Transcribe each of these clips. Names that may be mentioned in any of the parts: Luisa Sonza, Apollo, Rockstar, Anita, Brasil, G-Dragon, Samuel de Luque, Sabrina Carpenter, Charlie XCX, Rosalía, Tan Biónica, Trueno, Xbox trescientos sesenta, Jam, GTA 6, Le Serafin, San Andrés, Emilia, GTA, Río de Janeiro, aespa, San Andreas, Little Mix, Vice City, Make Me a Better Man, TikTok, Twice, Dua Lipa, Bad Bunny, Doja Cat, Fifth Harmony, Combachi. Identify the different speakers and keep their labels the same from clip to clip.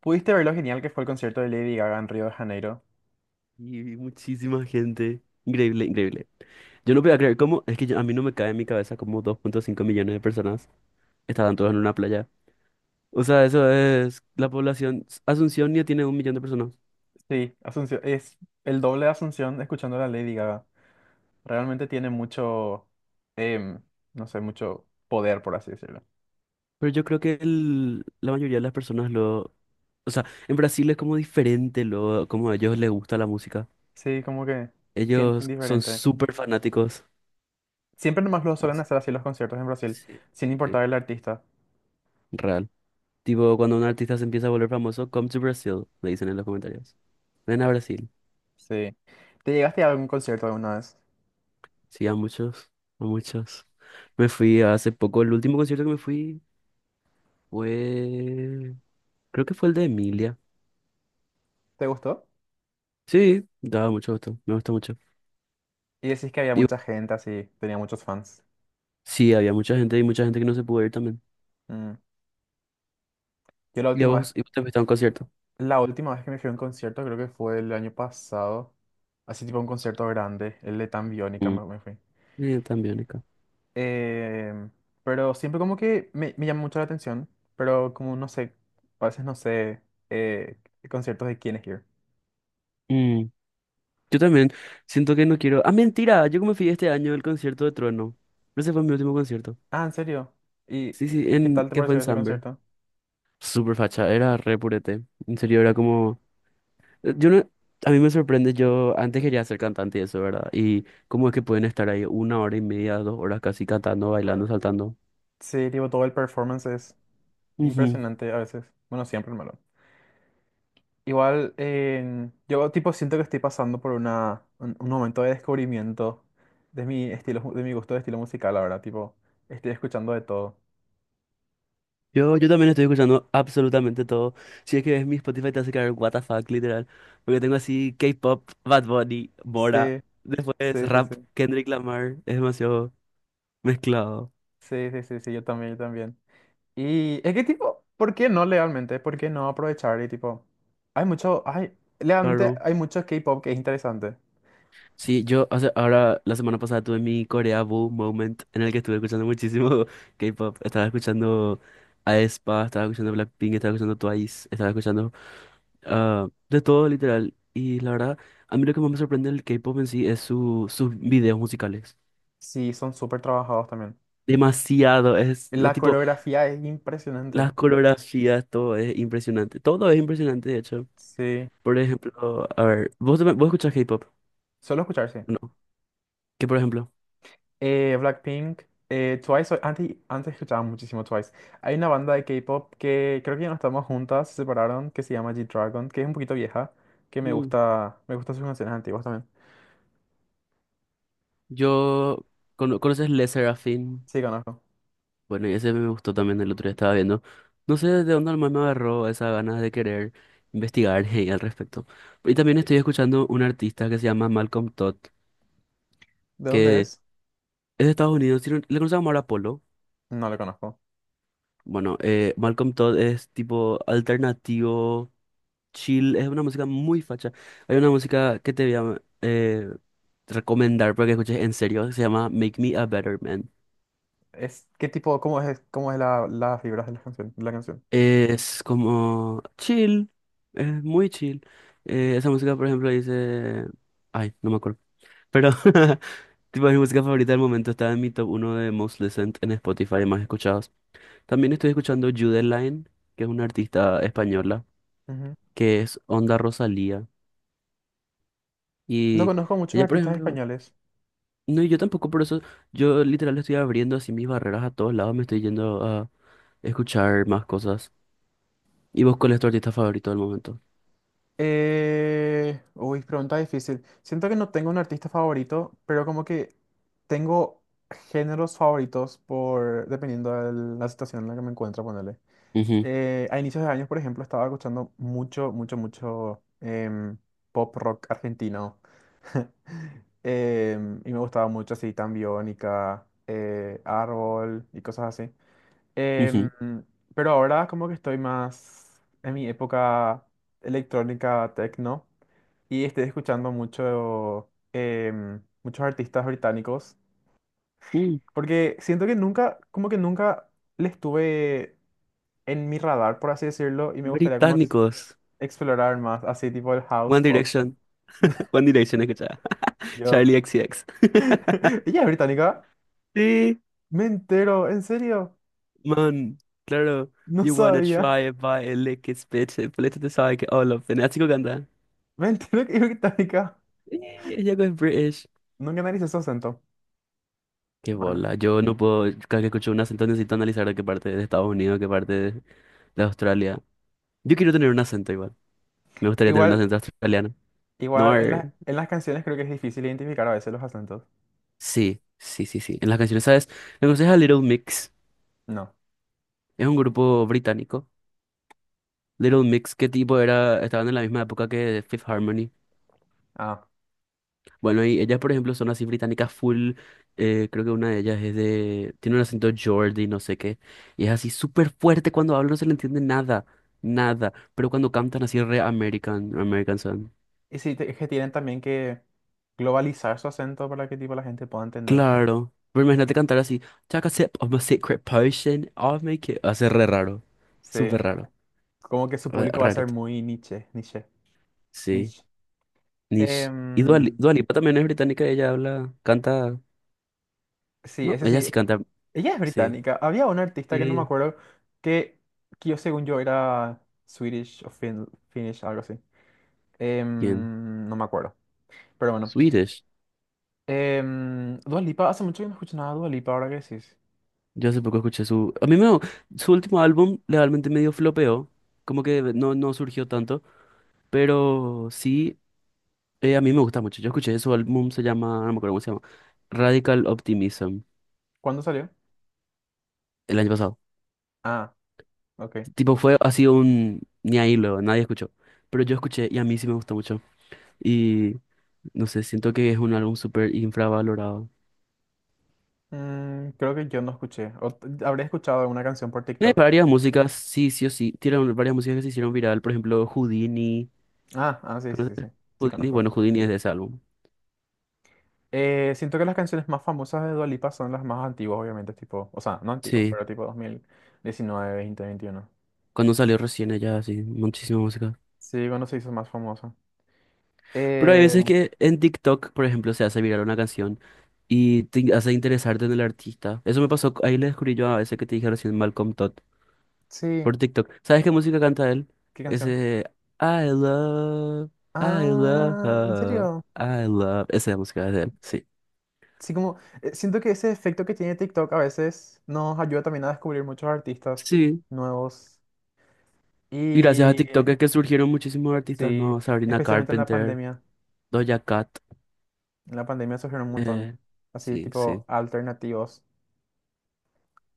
Speaker 1: ¿Pudiste ver lo genial que fue el concierto de Lady Gaga en Río de Janeiro?
Speaker 2: Y muchísima gente. Increíble, increíble. Yo no podía creer cómo, es que a mí no me cae en mi cabeza cómo 2,5 millones de personas estaban todas en una playa. O sea, eso es la población. Asunción ya tiene 1 millón de personas.
Speaker 1: Sí, Asunción, es el doble de Asunción escuchando a la Lady Gaga. Realmente tiene mucho, em, no sé, mucho poder, por así decirlo.
Speaker 2: Pero yo creo que la mayoría de las personas O sea, en Brasil es como diferente lo, como a ellos les gusta la música.
Speaker 1: Sí, como que sienten
Speaker 2: Ellos son
Speaker 1: diferente.
Speaker 2: súper fanáticos.
Speaker 1: Siempre nomás lo suelen
Speaker 2: Así-
Speaker 1: hacer así los conciertos en Brasil,
Speaker 2: Sí,
Speaker 1: sin
Speaker 2: sí,
Speaker 1: importar el artista.
Speaker 2: real. Tipo, cuando un artista se empieza a volver famoso, come to Brazil, le dicen en los comentarios. Ven a Brasil.
Speaker 1: Sí. ¿Te llegaste a algún concierto alguna vez?
Speaker 2: Sí, a muchos, a muchos. Me fui hace poco, el último concierto que me fui fue, creo que fue el de Emilia.
Speaker 1: ¿Te gustó?
Speaker 2: Sí, daba mucho gusto, me gustó mucho.
Speaker 1: Y decís que había
Speaker 2: Y
Speaker 1: mucha
Speaker 2: vos-
Speaker 1: gente así, tenía muchos fans.
Speaker 2: sí, había mucha gente y mucha gente que no se pudo ir también.
Speaker 1: Mm. Yo la
Speaker 2: ¿Y a
Speaker 1: última vez
Speaker 2: vos? ¿Y vos te fuiste a un concierto?
Speaker 1: La última vez que me fui a un concierto creo que fue el año pasado, así tipo un concierto grande, el de Tan Biónica
Speaker 2: Mm.
Speaker 1: me fui.
Speaker 2: También acá.
Speaker 1: Eh, pero siempre como que me llama mucho la atención, pero como no sé, a veces no sé eh, conciertos de quién es Here.
Speaker 2: Mm, yo también siento que no Ah, mentira, yo como fui este año al concierto de Trueno. Ese fue mi último concierto.
Speaker 1: Ah, ¿en serio? ¿Y
Speaker 2: Sí, sí,
Speaker 1: qué tal te
Speaker 2: que fue
Speaker 1: pareció
Speaker 2: en
Speaker 1: ese
Speaker 2: Samber.
Speaker 1: concierto?
Speaker 2: Súper facha, era re purete. En serio, era como... Yo no- A mí me sorprende, yo antes quería ser cantante y eso, ¿verdad? Y cómo es que pueden estar ahí 1 hora y media, 2 horas casi cantando, bailando, saltando.
Speaker 1: Sí, tipo todo el performance es
Speaker 2: Ujú.
Speaker 1: impresionante a veces, bueno, siempre malo. Igual, yo tipo siento que estoy pasando por un momento de descubrimiento de mi estilo, de mi gusto de estilo musical ahora, tipo, estoy escuchando de todo.
Speaker 2: Yo también estoy escuchando absolutamente todo. Si es que ves mi Spotify te hace caer what the fuck, literal. Porque tengo así K-pop, Bad Bunny,
Speaker 1: Sí,
Speaker 2: Mora, después
Speaker 1: sí, sí,
Speaker 2: rap,
Speaker 1: sí,
Speaker 2: Kendrick Lamar, es demasiado mezclado,
Speaker 1: sí, sí, sí, sí, yo también, yo también. Y es que tipo, ¿por qué no legalmente? ¿Por qué no aprovechar? Y tipo, legalmente
Speaker 2: claro.
Speaker 1: hay mucho K-pop que es interesante.
Speaker 2: Sí, yo, o sea, ahora la semana pasada tuve mi Corea Boo moment en el que estuve escuchando muchísimo K-pop. Estaba escuchando aespa, estaba escuchando Blackpink, estaba escuchando Twice, estaba escuchando de todo literal. Y la verdad, a mí lo que más me sorprende del K-pop en sí es sus videos musicales.
Speaker 1: Sí, son súper trabajados también.
Speaker 2: Demasiado, es
Speaker 1: La
Speaker 2: tipo
Speaker 1: coreografía es impresionante.
Speaker 2: las coreografías, todo es impresionante. Todo es impresionante, de hecho.
Speaker 1: Sí,
Speaker 2: Por ejemplo, a ver, ¿vos, vos escuchás K-pop?
Speaker 1: solo escuchar, sí.
Speaker 2: No. ¿Qué por ejemplo,
Speaker 1: Blackpink, Twice, antes escuchaba muchísimo Twice. Hay una banda de K-pop que creo que ya no estamos juntas, se separaron, que se llama G-Dragon, que es un poquito vieja, que me
Speaker 2: mm,
Speaker 1: gusta, me gustan sus canciones antiguas también.
Speaker 2: yo, conoces Le Serafin?
Speaker 1: Sí, conozco.
Speaker 2: Bueno, y ese me gustó también el otro día estaba viendo. No sé de dónde alma me agarró esas ganas de querer investigar y al respecto. Y también estoy escuchando un artista que se llama Malcolm Todd,
Speaker 1: ¿De dónde
Speaker 2: que
Speaker 1: es?
Speaker 2: es de Estados Unidos, tiene le conocemos ahora Apollo.
Speaker 1: No lo conozco.
Speaker 2: Bueno, Malcolm Todd es tipo alternativo, chill, es una música muy facha. Hay una música que te voy a recomendar para que escuches en serio, que se llama Make Me a Better Man.
Speaker 1: ¿Qué tipo, cómo es las vibras de la canción?
Speaker 2: Es como chill, es muy chill. Esa música, por ejemplo, dice. Ay, no me acuerdo. Pero, tipo, mi música favorita del momento está en mi top uno de Most Listened en Spotify, más escuchados. También estoy escuchando Line, que es una artista española,
Speaker 1: Ujú.
Speaker 2: que es Onda Rosalía.
Speaker 1: No
Speaker 2: Y
Speaker 1: conozco muchos
Speaker 2: ella, por
Speaker 1: artistas
Speaker 2: ejemplo.
Speaker 1: españoles.
Speaker 2: No, y yo tampoco, por eso yo literal estoy abriendo así mis barreras a todos lados, me estoy yendo a escuchar más cosas. ¿Y vos cuál es tu artista favorito del momento?
Speaker 1: Uy, pregunta difícil. Siento que no tengo un artista favorito, pero como que tengo géneros favoritos por dependiendo de la situación en la que me encuentro, ponerle.
Speaker 2: Ujú,
Speaker 1: A inicios de años, por ejemplo, estaba escuchando mucho, mucho, mucho pop rock argentino. Y me gustaba mucho así, Tan Biónica, Árbol y cosas así. Em, pero ahora como que estoy más en mi época electrónica techno y estoy escuchando mucho muchos artistas británicos
Speaker 2: ujú.
Speaker 1: porque siento que nunca como que nunca les tuve en mi radar por así decirlo y me gustaría como
Speaker 2: Británicos.
Speaker 1: explorar más así tipo el house
Speaker 2: One
Speaker 1: pop.
Speaker 2: Direction. One Direction, escucha.
Speaker 1: Yo
Speaker 2: Charlie X C X.
Speaker 1: Ella es británica.
Speaker 2: Sí,
Speaker 1: Me entero, en serio,
Speaker 2: man. Claro.
Speaker 1: no
Speaker 2: You wanna
Speaker 1: sabía.
Speaker 2: try it by a lick it, bitch. Política te sabe que all of them. Así que canta.
Speaker 1: Me entero que es británica.
Speaker 2: Sí, ella es British.
Speaker 1: Nunca analicé su acento.
Speaker 2: Qué
Speaker 1: Bueno.
Speaker 2: bola. Yo no puedo. Cada que escucho un acento necesito analizar de qué parte de Estados Unidos, qué parte es de Australia. Yo quiero tener un acento igual. Me gustaría tener un
Speaker 1: Igual.
Speaker 2: acento australiano. No.
Speaker 1: Igual en las, en las canciones creo que es difícil identificar a veces los acentos.
Speaker 2: Sí, sí, sí, sí. En las canciones, ¿sabes? Me aconseja Little Mix.
Speaker 1: No.
Speaker 2: Es un grupo británico Little Mix, ¿qué tipo era? Estaban en la misma época que Fifth Harmony.
Speaker 1: Ah.
Speaker 2: Bueno, y ellas, por ejemplo, son así británicas full. Eh, creo que una de ellas es de. Tiene un acento Geordie, no sé qué. Y es así súper fuerte cuando habla, no se le entiende nada. Nada. Pero cuando cantan así re American, American son.
Speaker 1: Y sí, es que tienen también que globalizar su acento para que tipo la gente pueda entender.
Speaker 2: Claro. Pero imagínate cantar así. Take a sip of my secret potion, I'll make it. Hace re raro.
Speaker 1: Sí.
Speaker 2: Súper raro.
Speaker 1: Como que su público va a ser
Speaker 2: Rarito.
Speaker 1: muy niche, niche,
Speaker 2: Sí.
Speaker 1: niche.
Speaker 2: Niche. Y
Speaker 1: Em,
Speaker 2: Dua Lipa también es británica, ella habla, canta.
Speaker 1: sí,
Speaker 2: No,
Speaker 1: ese
Speaker 2: ella
Speaker 1: sí.
Speaker 2: sí canta.
Speaker 1: Ella es
Speaker 2: Sí.
Speaker 1: británica. Había una artista que no me
Speaker 2: Sí.
Speaker 1: acuerdo que, que yo según yo era Swedish o Finnish, algo así.
Speaker 2: ¿Quién?
Speaker 1: No me acuerdo. Pero bueno.
Speaker 2: Swedish.
Speaker 1: Dua Lipa, hace mucho que no escucho nada de Dua Lipa, ahora que decís.
Speaker 2: Yo hace poco escuché su... A mí me... Su último álbum realmente medio flopeó. Como que no surgió tanto. Pero sí, a mí me gusta mucho. Yo escuché su álbum, se llama. No me acuerdo cómo se llama. Radical Optimism.
Speaker 1: ¿Cuándo salió?
Speaker 2: El año pasado.
Speaker 1: Ah. Ok.
Speaker 2: Tipo, fue ni ahí luego, nadie escuchó. Pero yo escuché y a mí sí me gusta mucho. Y no sé, siento que es un álbum súper infravalorado.
Speaker 1: Creo que yo no escuché. O habré escuchado una canción por
Speaker 2: Tiene
Speaker 1: TikTok.
Speaker 2: varias músicas, sí, sí o sí. Tiene varias músicas que se hicieron viral. Por ejemplo, Houdini.
Speaker 1: Ah, ah, sí, sí, sí, sí.
Speaker 2: ¿Conoces
Speaker 1: Sí,
Speaker 2: Houdini?
Speaker 1: conozco.
Speaker 2: Bueno, Houdini es de ese álbum.
Speaker 1: Siento que las canciones más famosas de Dua Lipa son las más antiguas, obviamente, tipo, o sea, no antiguas,
Speaker 2: Sí,
Speaker 1: pero tipo 2019, veintiuno.
Speaker 2: cuando salió recién allá, sí, muchísima música.
Speaker 1: Sí, cuando se hizo más famosa.
Speaker 2: Pero hay
Speaker 1: Eh,
Speaker 2: veces que en TikTok, por ejemplo, se hace viral una canción y te hace interesarte en el artista. Eso me pasó, ahí le descubrí yo a veces que te dije recién Malcolm Todd
Speaker 1: sí,
Speaker 2: por TikTok. ¿Sabes qué música canta él?
Speaker 1: ¿qué canción?
Speaker 2: Ese I love, I love,
Speaker 1: Ah, ¿en serio?
Speaker 2: I love. Esa es la música de él, sí.
Speaker 1: Sí, como, siento que ese efecto que tiene TikTok a veces nos ayuda también a descubrir muchos artistas
Speaker 2: Sí,
Speaker 1: nuevos.
Speaker 2: y gracias a
Speaker 1: Y
Speaker 2: TikTok es que surgieron muchísimos artistas
Speaker 1: sí,
Speaker 2: nuevos, Sabrina
Speaker 1: especialmente en la
Speaker 2: Carpenter,
Speaker 1: pandemia.
Speaker 2: Doja Cat.
Speaker 1: En la pandemia surgieron un montón,
Speaker 2: Eh,
Speaker 1: así
Speaker 2: sí,
Speaker 1: tipo
Speaker 2: sí.
Speaker 1: alternativos.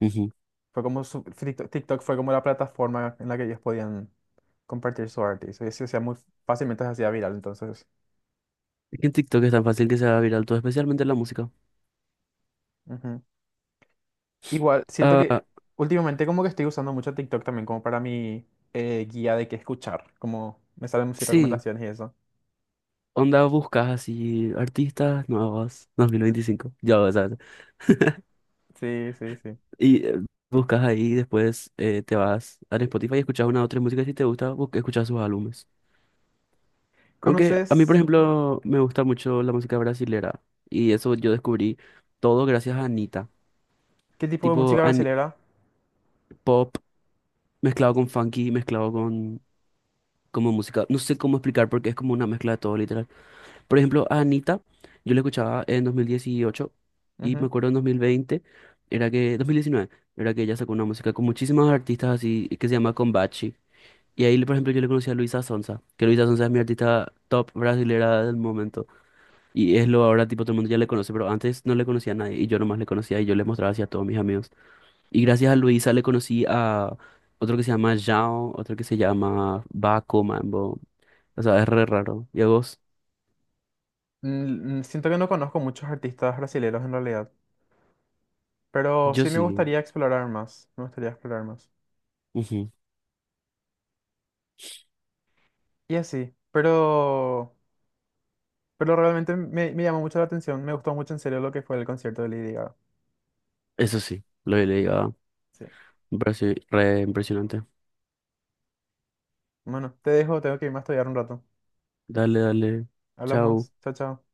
Speaker 2: Ujú.
Speaker 1: Fue como TikTok fue como la plataforma en la que ellos podían compartir su arte. Y se hacía muy fácilmente, se hacía viral, entonces.
Speaker 2: Es que en TikTok es tan fácil que se haga viral todo, especialmente la música.
Speaker 1: Ujú. Igual, siento que
Speaker 2: Ah,
Speaker 1: últimamente como que estoy usando mucho TikTok también como para mi guía de qué escuchar. Como me salen muchas
Speaker 2: sí,
Speaker 1: recomendaciones y eso.
Speaker 2: onda buscas así artistas nuevos 2025, ya vas a ver.
Speaker 1: Sí, sí, sí.
Speaker 2: Y buscas ahí, después te vas al Spotify y escuchas una o tres músicas si te gusta, escuchas sus álbumes. Aunque a mí, por
Speaker 1: ¿Conoces
Speaker 2: ejemplo, me gusta mucho la música brasilera y eso yo descubrí todo gracias a Anita.
Speaker 1: qué tipo de
Speaker 2: Tipo
Speaker 1: música brasilera?
Speaker 2: Pop mezclado con funky, mezclado con como música, no sé cómo explicar porque es como una mezcla de todo. Por ejemplo, a Anita, yo la escuchaba en 2018 y me
Speaker 1: Ujú.
Speaker 2: acuerdo en dos mil 2019 era que ella sacó una música con muchísimos artistas así que se llama Combachi. Y ahí, por ejemplo, yo le conocí a Luisa Sonza, que Luisa Sonza es mi artista top brasilera del momento. Y es lo ahora, tipo, todo el mundo ya le conoce, pero antes no le conocía a nadie y yo nomás le conocía y yo le mostraba así a todos mis amigos. Y gracias a Luisa le conocí a otro que se llama Jao, otro que se llama Baco Mambo. O sea, es re raro. ¿Y a vos?
Speaker 1: Siento que no conozco muchos artistas brasileños en realidad. Pero
Speaker 2: Yo
Speaker 1: sí me
Speaker 2: sí.
Speaker 1: gustaría explorar más, me gustaría explorar más. Y así, pero realmente me llamó mucho la atención, me gustó mucho en serio lo que fue el concierto de Lady Gaga.
Speaker 2: Eso sí, lo he leído.
Speaker 1: Sí.
Speaker 2: Me parece re impresionante.
Speaker 1: Bueno, te dejo, tengo que irme a estudiar un rato.
Speaker 2: Dale, dale. Chao.
Speaker 1: Hablamos, chao, chao.